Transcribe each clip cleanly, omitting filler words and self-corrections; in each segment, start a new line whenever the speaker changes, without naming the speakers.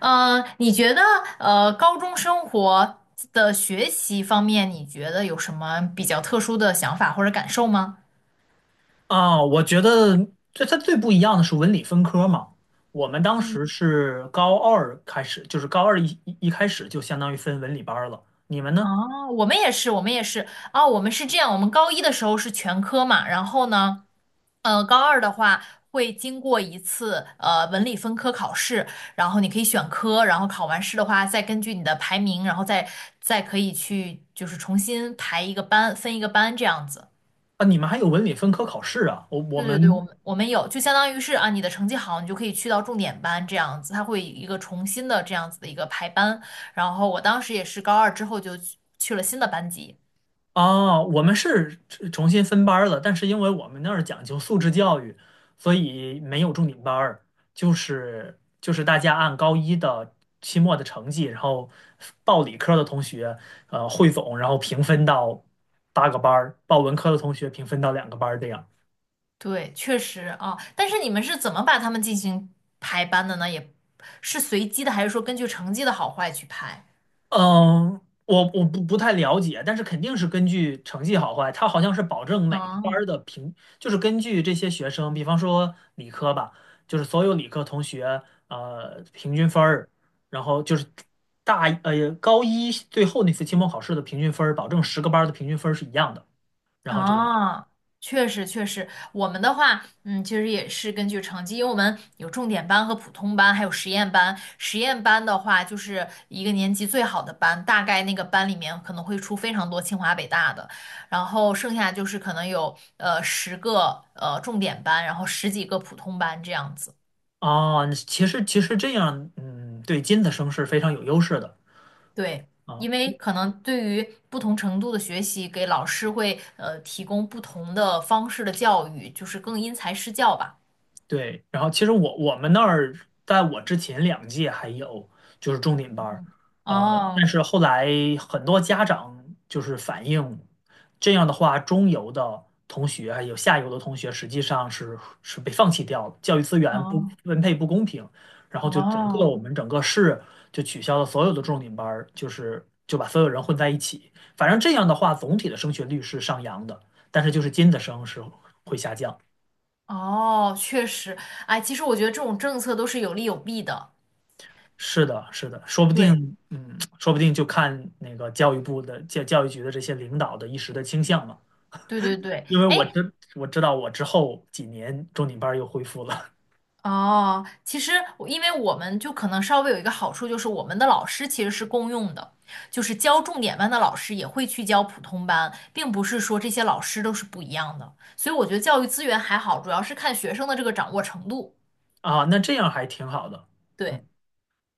嗯，你觉得高中生活的学习方面，你觉得有什么比较特殊的想法或者感受吗？
啊，我觉得它最不一样的是文理分科嘛。我们当时是高二开始，就是高二一开始就相当于分文理班儿了。你们呢？
哦，我们也是，我们也是，哦，我们是这样，我们高一的时候是全科嘛，然后呢，高二的话会经过一次文理分科考试，然后你可以选科，然后考完试的话，再根据你的排名，然后再可以去就是重新排一个班，分一个班这样子。
啊，你们还有文理分科考试啊？我我
对对对，
们
我们有，就相当于是啊，你的成绩好，你就可以去到重点班这样子，它会一个重新的这样子的一个排班。然后我当时也是高二之后就去了新的班级。
哦，我们是重新分班儿了，但是因为我们那儿讲究素质教育，所以没有重点班儿，就是大家按高一的期末的成绩，然后报理科的同学汇总，然后平分到8个班儿，报文科的同学平分到2个班儿这样。
对，确实啊，但是你们是怎么把他们进行排班的呢？也是随机的，还是说根据成绩的好坏去排？
嗯，我不太了解，但是肯定是根据成绩好坏，它好像是保证每个班儿
啊，
的就是根据这些学生，比方说理科吧，就是所有理科同学平均分儿，然后就是高一最后那次期末考试的平均分儿，保证10个班儿的平均分儿是一样的，然后这样。
哦，确实确实，我们的话，其实也是根据成绩，因为我们有重点班和普通班，还有实验班。实验班的话，就是一个年级最好的班，大概那个班里面可能会出非常多清华北大的，然后剩下就是可能有10个重点班，然后十几个普通班这样子。
啊，其实这样，嗯，对尖子生是非常有优势的
对，
啊。
因为可能对于不同程度的学习，给老师会提供不同的方式的教育，就是更因材施教吧。
对，然后其实我们那儿在我之前2届还有就是重点班儿。但
哦，
是后来很多家长就是反映，这样的话，中游的同学还有下游的同学实际上是被放弃掉了，教育资源不
哦
分配不公平，然后就我
哦
们整个市就取消了所有的重点班儿，就是就把所有人混在一起，反正这样的话，总体的升学率是上扬的，但是就是尖子生是会下降。
哦，确实，哎，其实我觉得这种政策都是有利有弊的。
是的，是的，说不
对，
定，说不定就看那个教育部的教育局的这些领导的一时的倾向嘛。
对对对，
因为
哎，
我知道我之后几年重点班儿又恢复了。
哦，其实我因为我们就可能稍微有一个好处，就是我们的老师其实是共用的，就是教重点班的老师也会去教普通班，并不是说这些老师都是不一样的，所以我觉得教育资源还好，主要是看学生的这个掌握程度。
啊，那这样还挺好的。嗯，
对。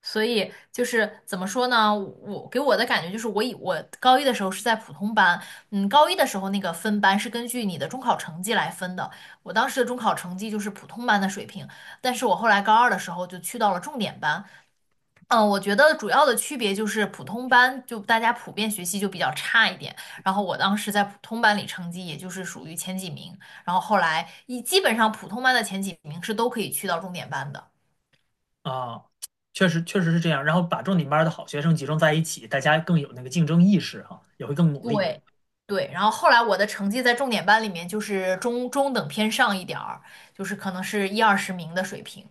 所以就是怎么说呢？我给我的感觉就是我，以我高一的时候是在普通班，嗯，高一的时候那个分班是根据你的中考成绩来分的。我当时的中考成绩就是普通班的水平，但是我后来高二的时候就去到了重点班。嗯，我觉得主要的区别就是普通班就大家普遍学习就比较差一点，然后我当时在普通班里成绩也就是属于前几名，然后后来基本上普通班的前几名是都可以去到重点班的。
啊，确实是这样。然后把重点班儿的好学生集中在一起，大家更有那个竞争意识哈、也会更努力。
对对，然后后来我的成绩在重点班里面就是中等偏上一点儿，就是可能是一二十名的水平。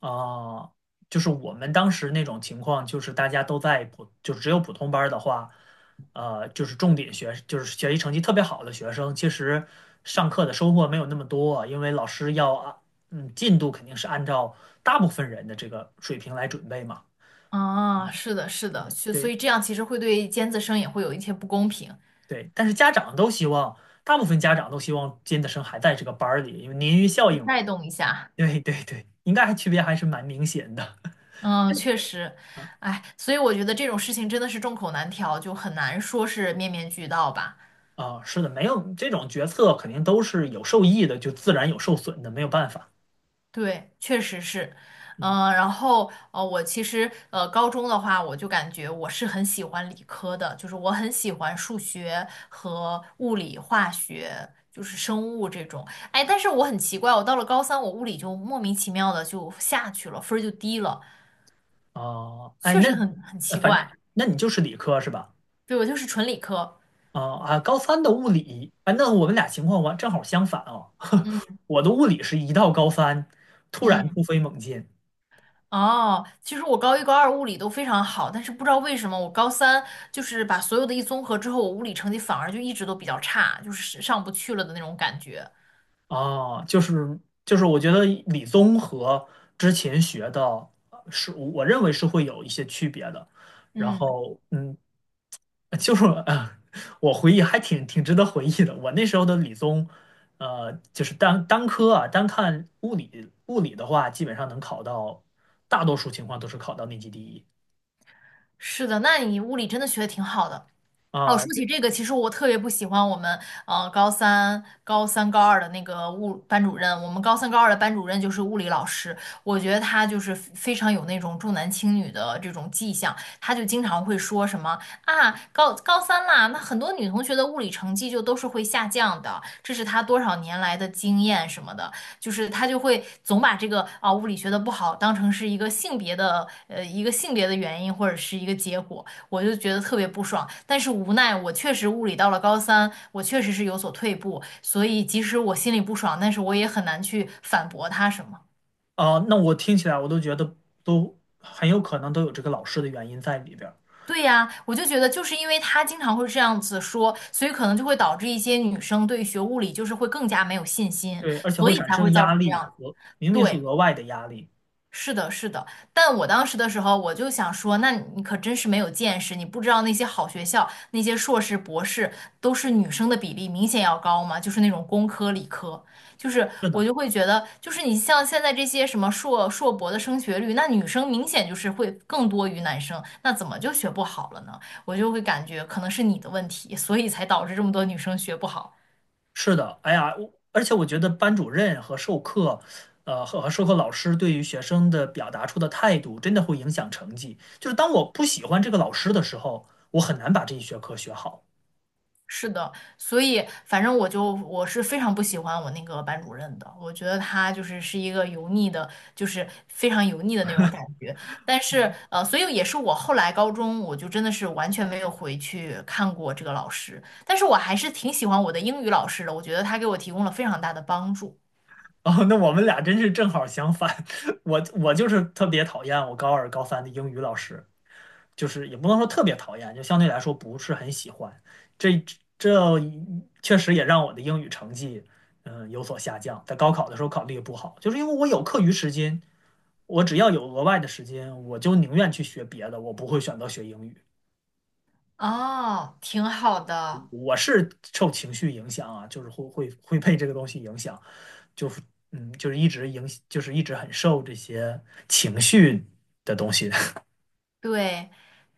啊，就是我们当时那种情况，就是大家都在普，就只有普通班儿的话，就是重点学，就是学习成绩特别好的学生，其实上课的收获没有那么多，因为老师要啊，进度肯定是按照大部分人的这个水平来准备嘛。
啊，
嗯，
是的，是的，
对，
所所
对，
以这样其实会对尖子生也会有一些不公平，
对，但是家长都希望，大部分家长都希望尖子生还在这个班儿里，因为鲶鱼效
就
应嘛。
带动一下。
对，对，对，应该还区别还是蛮明显的。
嗯，确实，哎，所以我觉得这种事情真的是众口难调，就很难说是面面俱到吧。
啊，是的，没有这种决策肯定都是有受益的，就自然有受损的，没有办法。
对，确实是，
嗯，
嗯、然后我其实高中的话，我就感觉我是很喜欢理科的，就是我很喜欢数学和物理、化学，就是生物这种。哎，但是我很奇怪，我到了高三，我物理就莫名其妙的就下去了，分儿就低了，
哦，哎，
确实很
呃
奇
反
怪。
那你就是理科是吧？
对，我就是纯理科，
啊，啊，高三的物理，哎，那我们俩情况正好相反啊。我的物理是一到高三突然
嗯。
突飞猛进。
哦，其实我高一、高二物理都非常好，但是不知道为什么我高三就是把所有的综合之后，我物理成绩反而就一直都比较差，就是上不去了的那种感觉。
啊，就是，我觉得理综和之前学的是我认为是会有一些区别的。然
嗯，
后，就是啊，我回忆还挺值得回忆的。我那时候的理综，就是单科啊，单看物理的话，基本上能考到，大多数情况都是考到年级第一。
是的，那你物理真的学的挺好的。哦，
啊，
说起
对
这个，其实我特别不喜欢我们高二的那个班主任。我们高三、高二的班主任就是物理老师，我觉得他就是非常有那种重男轻女的这种迹象。他就经常会说什么啊，高三啦，那很多女同学的物理成绩就都是会下降的，这是他多少年来的经验什么的，就是他就会总把这个啊物理学的不好当成是一个性别的原因或者是一个结果。我就觉得特别不爽。但是无奈，我确实物理到了高三，我确实是有所退步，所以即使我心里不爽，但是我也很难去反驳他什么。
啊。那我听起来我都觉得都很有可能都有这个老师的原因在里边儿。
对呀，我就觉得就是因为他经常会这样子说，所以可能就会导致一些女生对学物理就是会更加没有信心，
对，而且
所
会
以
产
才会
生
造
压
成这
力，
样。
我明明是
对。
额外的压力。
是的，是的，但我当时的时候，我就想说，那你可真是没有见识，你不知道那些好学校，那些硕士、博士都是女生的比例明显要高嘛，就是那种工科、理科，就是
是
我
的，
就会觉得，就是你像现在这些什么硕博的升学率，那女生明显就是会更多于男生，那怎么就学不好了呢？我就会感觉可能是你的问题，所以才导致这么多女生学不好。
是的，哎呀，而且我觉得班主任和授课，和授课老师对于学生的表达出的态度，真的会影响成绩。就是当我不喜欢这个老师的时候，我很难把这一学科学好。
是的，所以反正我就我是非常不喜欢我那个班主任的，我觉得他就是一个油腻的，就是非常油腻的那种感觉。但是所以也是我后来高中我就真的是完全没有回去看过这个老师，但是我还是挺喜欢我的英语老师的，我觉得他给我提供了非常大的帮助。
哦，那我们俩真是正好相反。我就是特别讨厌我高二高三的英语老师，就是也不能说特别讨厌，就相对来说不是很喜欢。这这确实也让我的英语成绩，嗯，有所下降。在高考的时候考得也不好，就是因为我有课余时间，我只要有额外的时间，我就宁愿去学别的，我不会选择学英语。
哦，挺好的。
我是受情绪影响啊，就是会被这个东西影响，就是就是一直影，就是一直很受这些情绪的东西。
对，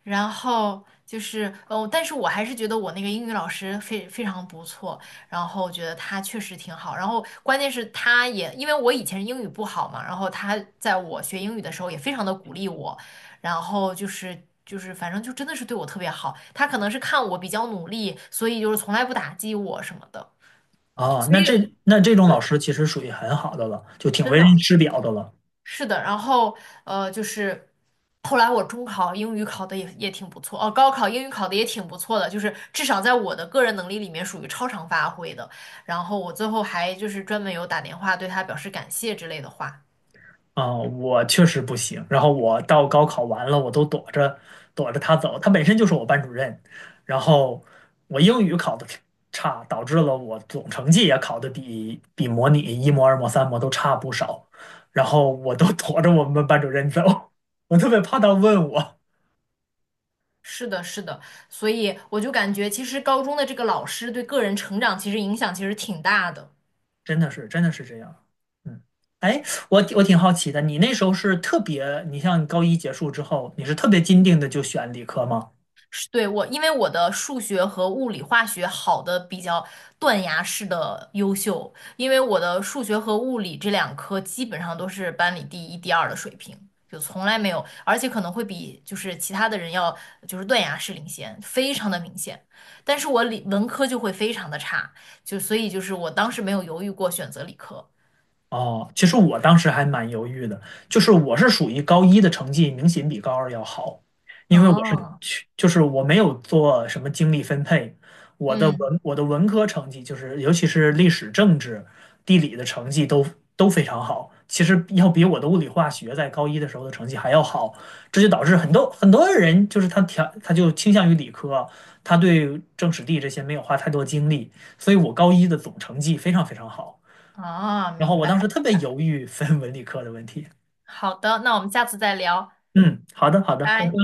然后就是哦，但是我还是觉得我那个英语老师非常不错，然后我觉得他确实挺好，然后关键是他也因为我以前英语不好嘛，然后他在我学英语的时候也非常的鼓励我，然后就是反正就真的是对我特别好，他可能是看我比较努力，所以就是从来不打击我什么的，
啊，
所以
那这种老
对，
师其实属于很好的了，就挺
真
为人
的。
师表的了。
是的，然后就是后来我中考英语考的也挺不错，哦，高考英语考的也挺不错的，就是至少在我的个人能力里面属于超常发挥的。然后我最后还就是专门有打电话对他表示感谢之类的话。
啊，我确实不行。然后我到高考完了，我都躲着躲着他走。他本身就是我班主任，然后我英语考的差，导致了我总成绩也考的比模拟一模、二模、三模都差不少。然后我都 躲着我们班主任走。我特别怕他问我。
是的，是的，所以我就感觉其实高中的这个老师对个人成长其实影响其实挺大的。
真的是，真的是这样。嗯，哎，我挺好奇的，你那时候是特别，你像高一结束之后，你是特别坚定的就选理科吗？
对，我，因为我的数学和物理、化学好的比较断崖式的优秀，因为我的数学和物理这两科基本上都是班里第一、第二的水平，就从来没有，而且可能会比就是其他的人要就是断崖式领先，非常的明显。但是我理文科就会非常的差，就所以就是我当时没有犹豫过选择理科。
哦，其实我当时还蛮犹豫的，就是我是属于高一的成绩明显比高二要好，因为我是
哦，
去，就是我没有做什么精力分配，
嗯，
我的文科成绩就是尤其是历史、政治、地理的成绩都非常好，其实要比我的物理化学在高一的时候的成绩还要好，这就导致很多很多人就是他就倾向于理科，他对政史地这些没有花太多精力，所以我高一的总成绩非常非常好。
哦，
然后
明
我
白
当
明
时特别
白。
犹豫分文理科的问题。
好的，那我们下次再聊，
嗯，好的，好的，拜拜。
拜。